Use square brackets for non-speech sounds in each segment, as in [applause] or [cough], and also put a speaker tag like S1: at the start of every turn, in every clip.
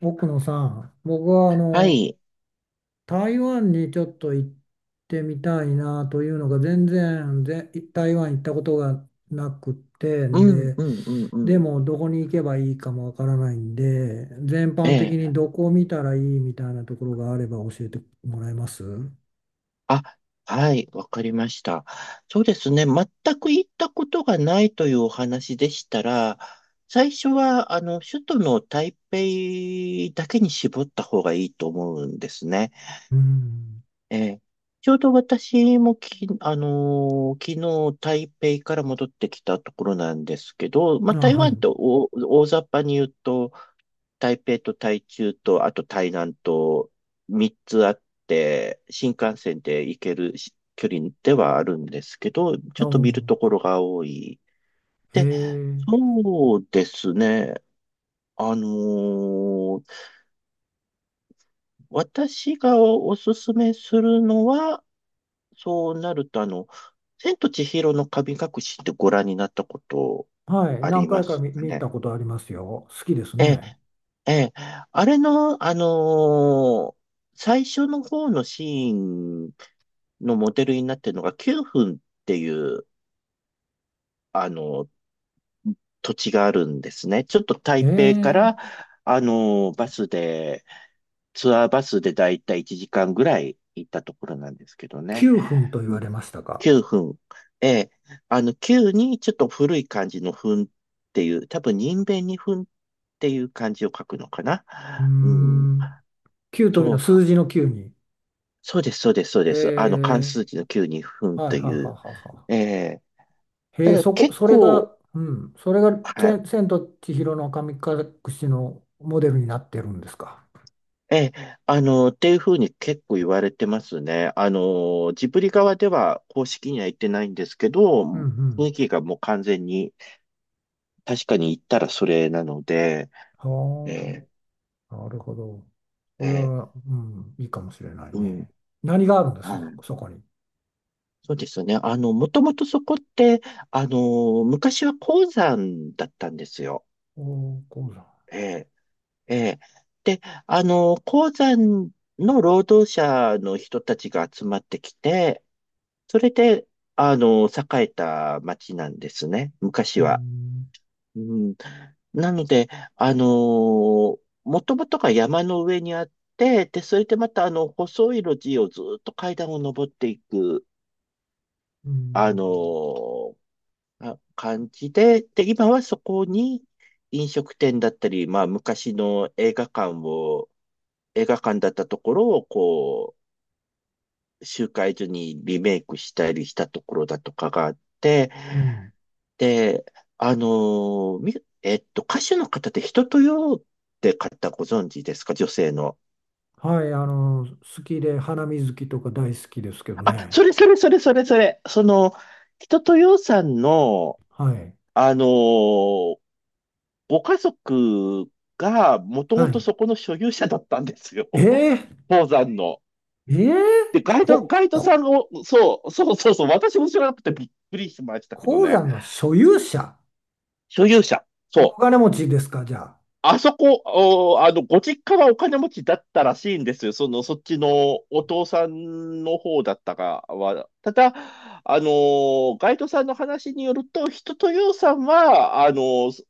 S1: 奥野さん、僕は
S2: はい。
S1: 台湾にちょっと行ってみたいなというのが全然台湾行ったことがなくて
S2: う
S1: ん
S2: ん、
S1: で、
S2: うん、うん、
S1: で
S2: うん。
S1: もどこに行けばいいかもわからないんで、全般的
S2: え
S1: に
S2: え。
S1: どこを見たらいいみたいなところがあれば教えてもらえます。う
S2: あ、はい。わかりました。そうですね。全く行ったことがないというお話でしたら、最初は、首都の台北だけに絞った方がいいと思うんですね。
S1: ん。
S2: ええ、ちょうど私もき、あのー昨日台北から戻ってきたところなんですけど、まあ、
S1: あ、
S2: 台
S1: は
S2: 湾
S1: い。
S2: と大、大雑把に言うと、台北と台中と、あと台南と3つあって、新幹線で行けるし距離ではあるんですけど、ち
S1: あ、
S2: ょ
S1: う
S2: っと見る
S1: ん。
S2: ところが多い。
S1: へ
S2: で、
S1: え。
S2: そうですね。あのー私がおすすめするのは、そうなると、千と千尋の神隠しってご覧になったこと
S1: はい。
S2: あ
S1: 何
S2: りま
S1: 回か
S2: す
S1: 見、
S2: か
S1: 見
S2: ね。
S1: たことありますよ。好きです
S2: ええ、
S1: ね。
S2: ええ、あれの最初の方のシーンのモデルになってるのが9分っていう、あのー土地があるんですね。ちょっと
S1: へ
S2: 台北か
S1: え。
S2: ら、バスで、ツアーバスでだいたい1時間ぐらい行ったところなんですけどね。
S1: 9分と言われましたか。
S2: 9分。ええ。あの、9にちょっと古い感じの分っていう、多分人弁に分っていう漢字を書くのかな。
S1: うー
S2: うん。
S1: ん。9という
S2: そ
S1: のは
S2: う、
S1: 数字の9に。
S2: そうです、そうです、そう
S1: へ
S2: です。漢
S1: え、
S2: 数字の9に分
S1: はいは
S2: と
S1: いは
S2: い
S1: い
S2: う。
S1: はいは
S2: ええ。
S1: い。へ
S2: た
S1: え、
S2: だ
S1: そこ、
S2: 結
S1: それ
S2: 構、
S1: が、うん、それがチ
S2: はい。
S1: ェン千と千尋の神隠しのモデルになってるんですか。
S2: ええ、っていうふうに結構言われてますね。ジブリ側では公式には言ってないんですけど、
S1: うんう
S2: 雰
S1: ん。
S2: 囲気がもう完全に、確かに言ったらそれなので、え
S1: は
S2: え、
S1: あ、なるほど。こ
S2: え
S1: れ
S2: え、
S1: は、うん、いいかもしれない
S2: うん。
S1: ね。何があるんです
S2: は
S1: そ、
S2: い、
S1: そこに。
S2: そうですね。もともとそこって、昔は鉱山だったんですよ。
S1: おー、鉱山。
S2: ええ、ええ。で、鉱山の労働者の人たちが集まってきて、それで、栄えた町なんですね。
S1: う
S2: 昔は。
S1: ん、
S2: うん、なので、あの、もともとが山の上にあって、で、それでまた、細い路地をずっと階段を登っていく、
S1: う
S2: あ
S1: ん、
S2: の、感じで、で、今はそこに飲食店だったり、まあ昔の映画館を、映画館だったところをこう、集会所にリメイクしたりしたところだとかがあって、
S1: うん。
S2: で、あのーみ、えっと、歌手の方で人とよって方ご存知ですか、女性の。
S1: はい、好きで、花水木とか大好きですけど
S2: あ、そ
S1: ね。
S2: れそれそれそれそれ。その、人とよさんの、
S1: はい。
S2: あのーご家族がもと
S1: は
S2: もと
S1: い。
S2: そこの所有者だったんですよ。
S1: え
S2: [laughs]
S1: え
S2: 鉱山の。
S1: ええ
S2: で、
S1: こ、
S2: ガイドさ
S1: こ、
S2: んを、そう、そうそうそう、私も知らなくてびっくりしましたけど
S1: 鉱
S2: ね。
S1: 山の所有者。
S2: 所有者。
S1: お
S2: そう。
S1: 金持ちですか、じゃあ。
S2: あそこ、お、あの、ご実家はお金持ちだったらしいんですよ。その、そっちのお父さんの方だったかは。ただ、ガイドさんの話によると、人とようさんは、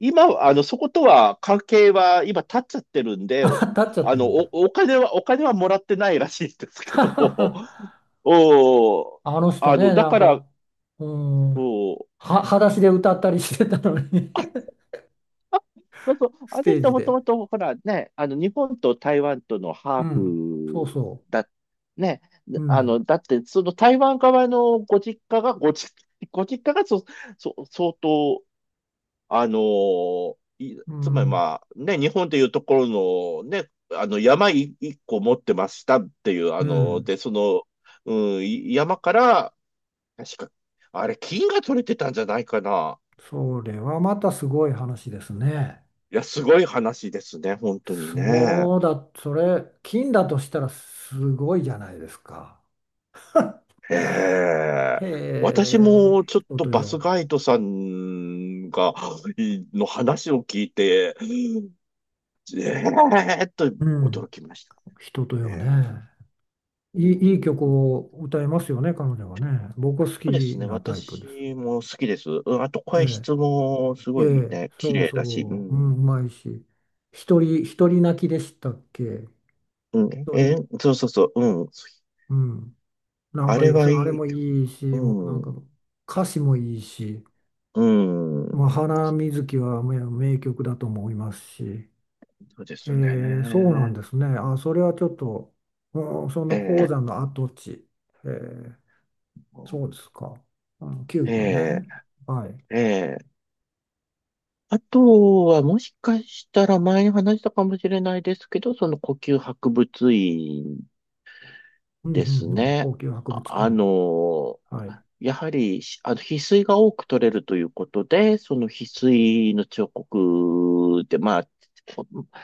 S2: 今、そことは関係は今立っちゃってるん
S1: [laughs]
S2: で、
S1: あ、立っちゃって
S2: あ
S1: る
S2: の、
S1: ん
S2: お、
S1: だ。
S2: お金は、お金はもらってないらしいんです
S1: [laughs]
S2: け
S1: は
S2: ど、
S1: は
S2: [laughs]
S1: は
S2: お、
S1: あの人
S2: あの、
S1: ね、
S2: だ
S1: なん
S2: から、
S1: か、うーん、
S2: お、
S1: 裸足で歌ったりしてたのに
S2: そうそう、
S1: [laughs] ス
S2: あの
S1: テー
S2: 人
S1: ジ
S2: もと
S1: で。
S2: もと、ほらね、日本と台湾とのハ
S1: う
S2: ー
S1: ん、そう
S2: フ
S1: そ
S2: だ、ね、
S1: う。うん、
S2: だって、その台湾側のご実家が、[laughs] ご実家がそ、そ、相当、あのい
S1: う
S2: つまり
S1: ん、
S2: まあ、ね、日本でいうところの、ね、山一個持ってましたっていう、
S1: うん。
S2: で、その、うん、山から、確か、あれ、金が取れてたんじゃないかな。
S1: それはまたすごい話ですね。
S2: いや、すごい話ですね、本当にね。
S1: そうだ、それ、金だとしたらすごいじゃないですか。
S2: へえ。
S1: へ
S2: 私
S1: え、
S2: もちょっ
S1: 人
S2: と
S1: と
S2: バ
S1: よ。
S2: スガイドさんが、の話を聞いて、えーっと
S1: うん。
S2: 驚きまし
S1: 人と
S2: たね。
S1: よね。
S2: ええ、う
S1: いい
S2: ん、
S1: 曲
S2: そ
S1: を歌いますよね、彼女はね。僕は好き
S2: うですね。
S1: なタイプです。
S2: 私も好きです。うん、あと声質
S1: え
S2: もす
S1: ええ
S2: ごい
S1: え、
S2: ね、綺
S1: そう
S2: 麗だし。う
S1: そう、うん、う
S2: ん。
S1: まいし。一人泣きでしたっけ。
S2: うん、
S1: 一人、
S2: そうそうそう。うん。
S1: うん。なん
S2: あ
S1: か、
S2: れは
S1: そ
S2: い
S1: うあれ
S2: い。
S1: もいいし、もうなん
S2: うん。
S1: か、歌詞もいいし、
S2: う
S1: ま
S2: ん。
S1: あ、花水木はもう名曲だと思いますし、
S2: そうです
S1: そうなん
S2: ね。
S1: ですね。あ、それはちょっと、うん、そんな鉱
S2: ええ
S1: 山の跡地。ええ、そうですか。あの、9分
S2: え
S1: ね。はい。
S2: えええ、あとは、もしかしたら前に話したかもしれないですけど、その呼吸博物院
S1: うんう
S2: です
S1: んうん。
S2: ね。
S1: 王宮博
S2: あ、
S1: 物
S2: あ
S1: 院。
S2: の、
S1: はい。う
S2: やはり、しあの、翡翠が多く取れるということで、その翡翠の彫刻で、まあ、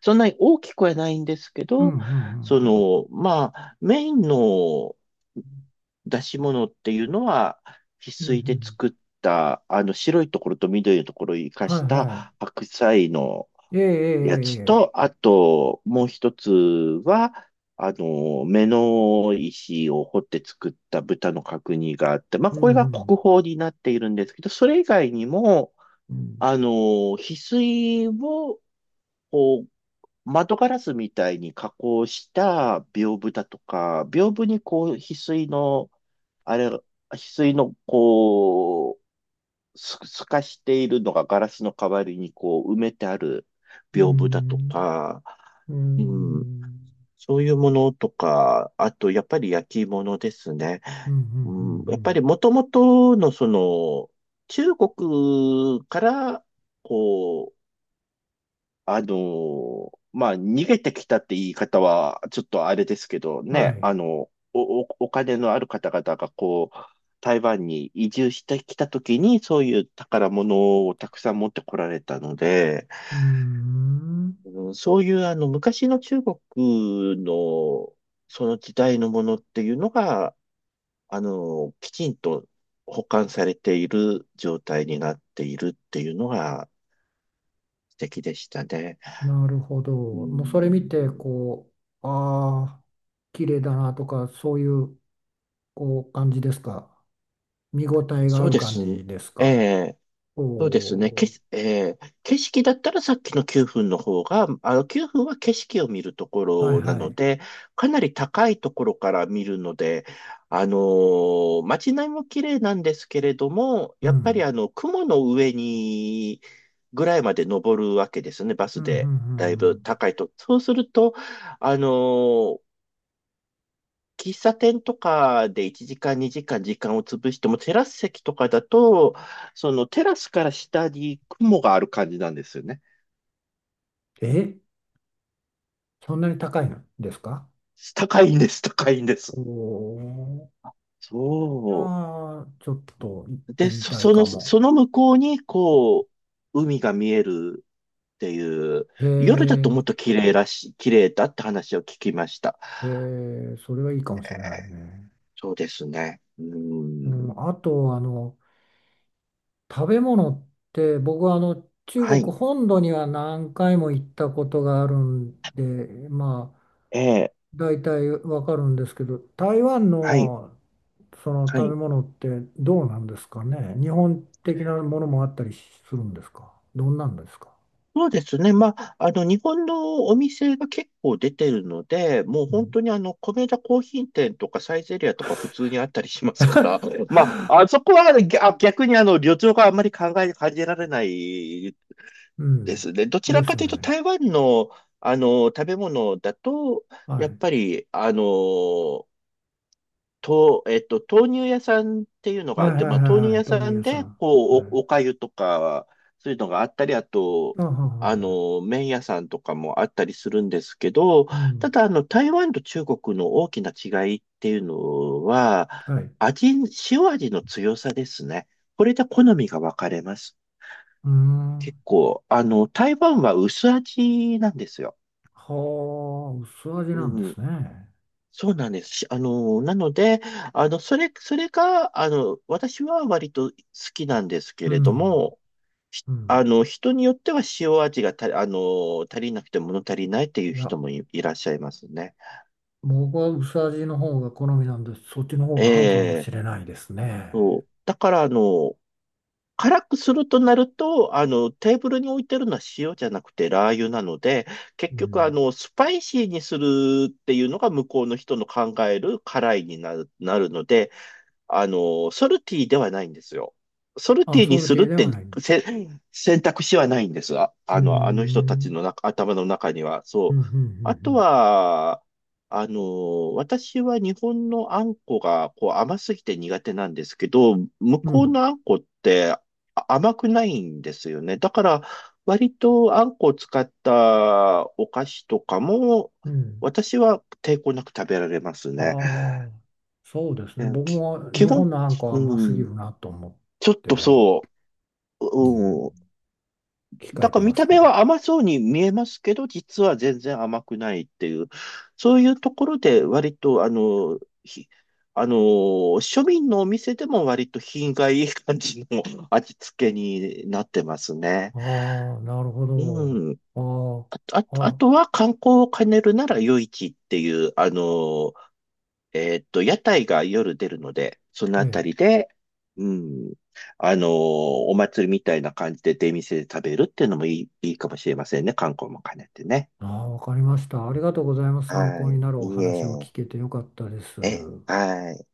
S2: そんなに大きくはないんですけ
S1: んうん
S2: ど、そ
S1: うん
S2: の、まあ、メインの出し物っていうのは、翡
S1: うん。うんう
S2: 翠で
S1: ん。
S2: 作った、白いところと緑のところを生か
S1: はい
S2: し
S1: は
S2: た白菜の
S1: い。ええええ
S2: やつ
S1: ええ。
S2: と、あと、もう一つは、目の石を彫って作った豚の角煮があって、まあ、
S1: う
S2: これが
S1: んう
S2: 国
S1: ん
S2: 宝になっているんですけど、それ以外にも、
S1: うん。
S2: あの、翡翠を、こう、窓ガラスみたいに加工した屏風だとか、屏風にこう、翡翠の、こう、すかしているのがガラスの代わりにこう埋めてある
S1: う
S2: 屏風だと
S1: ん。
S2: か、
S1: う
S2: うん、
S1: ん。
S2: そういうものとか、あとやっぱり焼き物ですね。
S1: うんうんう
S2: うん、やっぱ
S1: ん
S2: りもともとのその中国からこあの、まあ、逃げてきたって言い方は、ちょっとあれですけど
S1: うん。は
S2: ね、
S1: い。
S2: おお金のある方々がこう、台湾に移住してきたときに、そういう宝物をたくさん持ってこられたので、
S1: うーん。
S2: うん、そういうあの、昔の中国の、その時代のものっていうのが、きちんと保管されている状態になっているっていうのが素敵でしたね。
S1: なるほど。
S2: う
S1: もうそれ見て、
S2: ん、
S1: こう、ああ、綺麗だなとか、そういう、こう、感じですか。見応えが
S2: そ
S1: あ
S2: う
S1: る
S2: で
S1: 感
S2: すね。
S1: じです
S2: え
S1: か。
S2: え、
S1: お
S2: そうですね。
S1: お。
S2: ええ、景色だったらさっきの9分の方が、あの9分は景色を見るとこ
S1: はい
S2: ろな
S1: は
S2: の
S1: い。
S2: で、かなり高いところから見るので、街並みも綺麗なんですけれども、
S1: う
S2: やっぱり
S1: ん。
S2: あの、雲の上にぐらいまで登るわけですね、バ
S1: う
S2: ス
S1: ん、うん、うん。
S2: で。だい
S1: う
S2: ぶ
S1: ん、
S2: 高いと。そうすると、あのー喫茶店とかで1時間、2時間時間を潰しても、テラス席とかだと、そのテラスから下に雲がある感じなんですよね。
S1: え、そんなに高いのですか。
S2: 高いんです、高いんで
S1: お
S2: す。
S1: おー。
S2: そ
S1: ああ、ちょっと行っ
S2: う。
S1: て
S2: で、
S1: み
S2: そ、
S1: たい
S2: そ
S1: か
S2: の、
S1: も。
S2: その向こうに、こう、海が見えるっていう、
S1: へ
S2: 夜だと
S1: え、
S2: もっと綺麗らしい、綺麗だって話を聞きました。
S1: へえ、それはいいかもしれな
S2: え
S1: い
S2: ー
S1: ね。
S2: そうですね。う
S1: う
S2: ん。
S1: ん、あと、食べ物って、僕は中
S2: は
S1: 国
S2: い。
S1: 本土には何回も行ったことがあるんで、まあ、
S2: えー
S1: 大体わかるんですけど、台湾
S2: はい。
S1: のその
S2: は
S1: 食べ
S2: い。
S1: 物ってどうなんですかね。日本的なものもあったりするんですか。どんなんですか。
S2: そうですね。まあ、日本のお店が結構出てるので、もう
S1: う
S2: 本
S1: ん。
S2: 当にあの、米田コーヒー店とかサイゼリアとか普通にあったりしますから、[laughs] まあ、あそこはね、逆にあの、旅情があんまり感じられない
S1: う
S2: で
S1: ん。
S2: すね。どち
S1: で
S2: らか
S1: す
S2: というと、
S1: ね。
S2: 台湾の、食べ物だと、
S1: は
S2: やっ
S1: い。
S2: ぱり、あの、と、えっと、豆乳屋さんっていうのが
S1: は
S2: あ
S1: い
S2: っ
S1: はい
S2: て、
S1: は
S2: まあ、豆
S1: い
S2: 乳
S1: はい。
S2: 屋
S1: ト
S2: さ
S1: ニエ
S2: ん
S1: さ
S2: で、
S1: ん。
S2: こ
S1: は
S2: う、
S1: い。
S2: おかゆとか、そういうのがあったり、あと、
S1: あ、はいはいはい。
S2: 麺屋さんとかもあったりするんですけど、
S1: うん。
S2: ただ、台湾と中国の大きな違いっていうのは、
S1: はい。う
S2: 味、塩味の強さですね。これで好みが分かれます。
S1: ーん。
S2: 結構、台湾は薄味なんですよ。
S1: はあ、薄味
S2: う
S1: なんで
S2: ん、
S1: すね。
S2: そうなんです。しあの、なので、それが、私は割と好きなんですけ
S1: う
S2: れど
S1: ん。
S2: も、ひ
S1: う
S2: あ
S1: ん。
S2: の、人によっては塩味がた、あの、足りなくて物足りないっていう
S1: い
S2: 人
S1: や、
S2: もいらっしゃいますね。
S1: 僕は薄味の方が好みなんで、そっちの方
S2: え
S1: が合うかもし
S2: え、
S1: れないですね。
S2: そう。だから、辛くするとなると、テーブルに置いてるのは塩じゃなくてラー油なので、
S1: う
S2: 結局、
S1: ん。
S2: スパイシーにするっていうのが向こうの人の考える辛いになるので、ソルティではないんですよ。ソル
S1: あ、
S2: ティに
S1: それ
S2: する
S1: で
S2: っ
S1: では
S2: て
S1: ない。う
S2: せ選択肢はないんですが、
S1: ー
S2: あの、あの人たち
S1: ん。
S2: の中頭の中には。
S1: う
S2: そ
S1: ん、う
S2: う。あと
S1: ん、
S2: は、私は日本のあんこがこう甘すぎて苦手なんですけど、向
S1: うん、うん、う
S2: こう
S1: ん。
S2: のあんこって甘くないんですよね。だから、割とあんこを使ったお菓子とかも、
S1: うん。
S2: 私は抵抗なく食べられます
S1: あ
S2: ね。
S1: あ、そうですね。
S2: ね
S1: 僕
S2: き
S1: も
S2: 基
S1: 日
S2: 本、
S1: 本のハンは
S2: う
S1: 甘すぎ
S2: ん、
S1: るなと思っ
S2: ちょっ
S1: て、
S2: と
S1: うん、
S2: そう、うん。
S1: 控え
S2: だか
S1: て
S2: ら
S1: ま
S2: 見
S1: す
S2: た
S1: け
S2: 目
S1: ど。
S2: は甘そうに見えますけど、実は全然甘くないっていう、そういうところで割と、あの、ひ、あの、庶民のお店でも割と品がいい感じの [laughs] 味付けになってますね。
S1: ああ、なるほど。
S2: うん。あ、
S1: ああ、
S2: あ
S1: あ、
S2: とは観光を兼ねるなら夜市っていう、屋台が夜出るので、その
S1: え
S2: あた
S1: え。
S2: りで、うん、お祭りみたいな感じで出店で食べるっていうのもいいかもしれませんね。観光も兼ねてね。
S1: ああ、わかりました。ありがとうございます。参
S2: は
S1: 考に
S2: い。
S1: なるお
S2: いい
S1: 話を
S2: え。
S1: 聞けてよかったです。
S2: え、はい。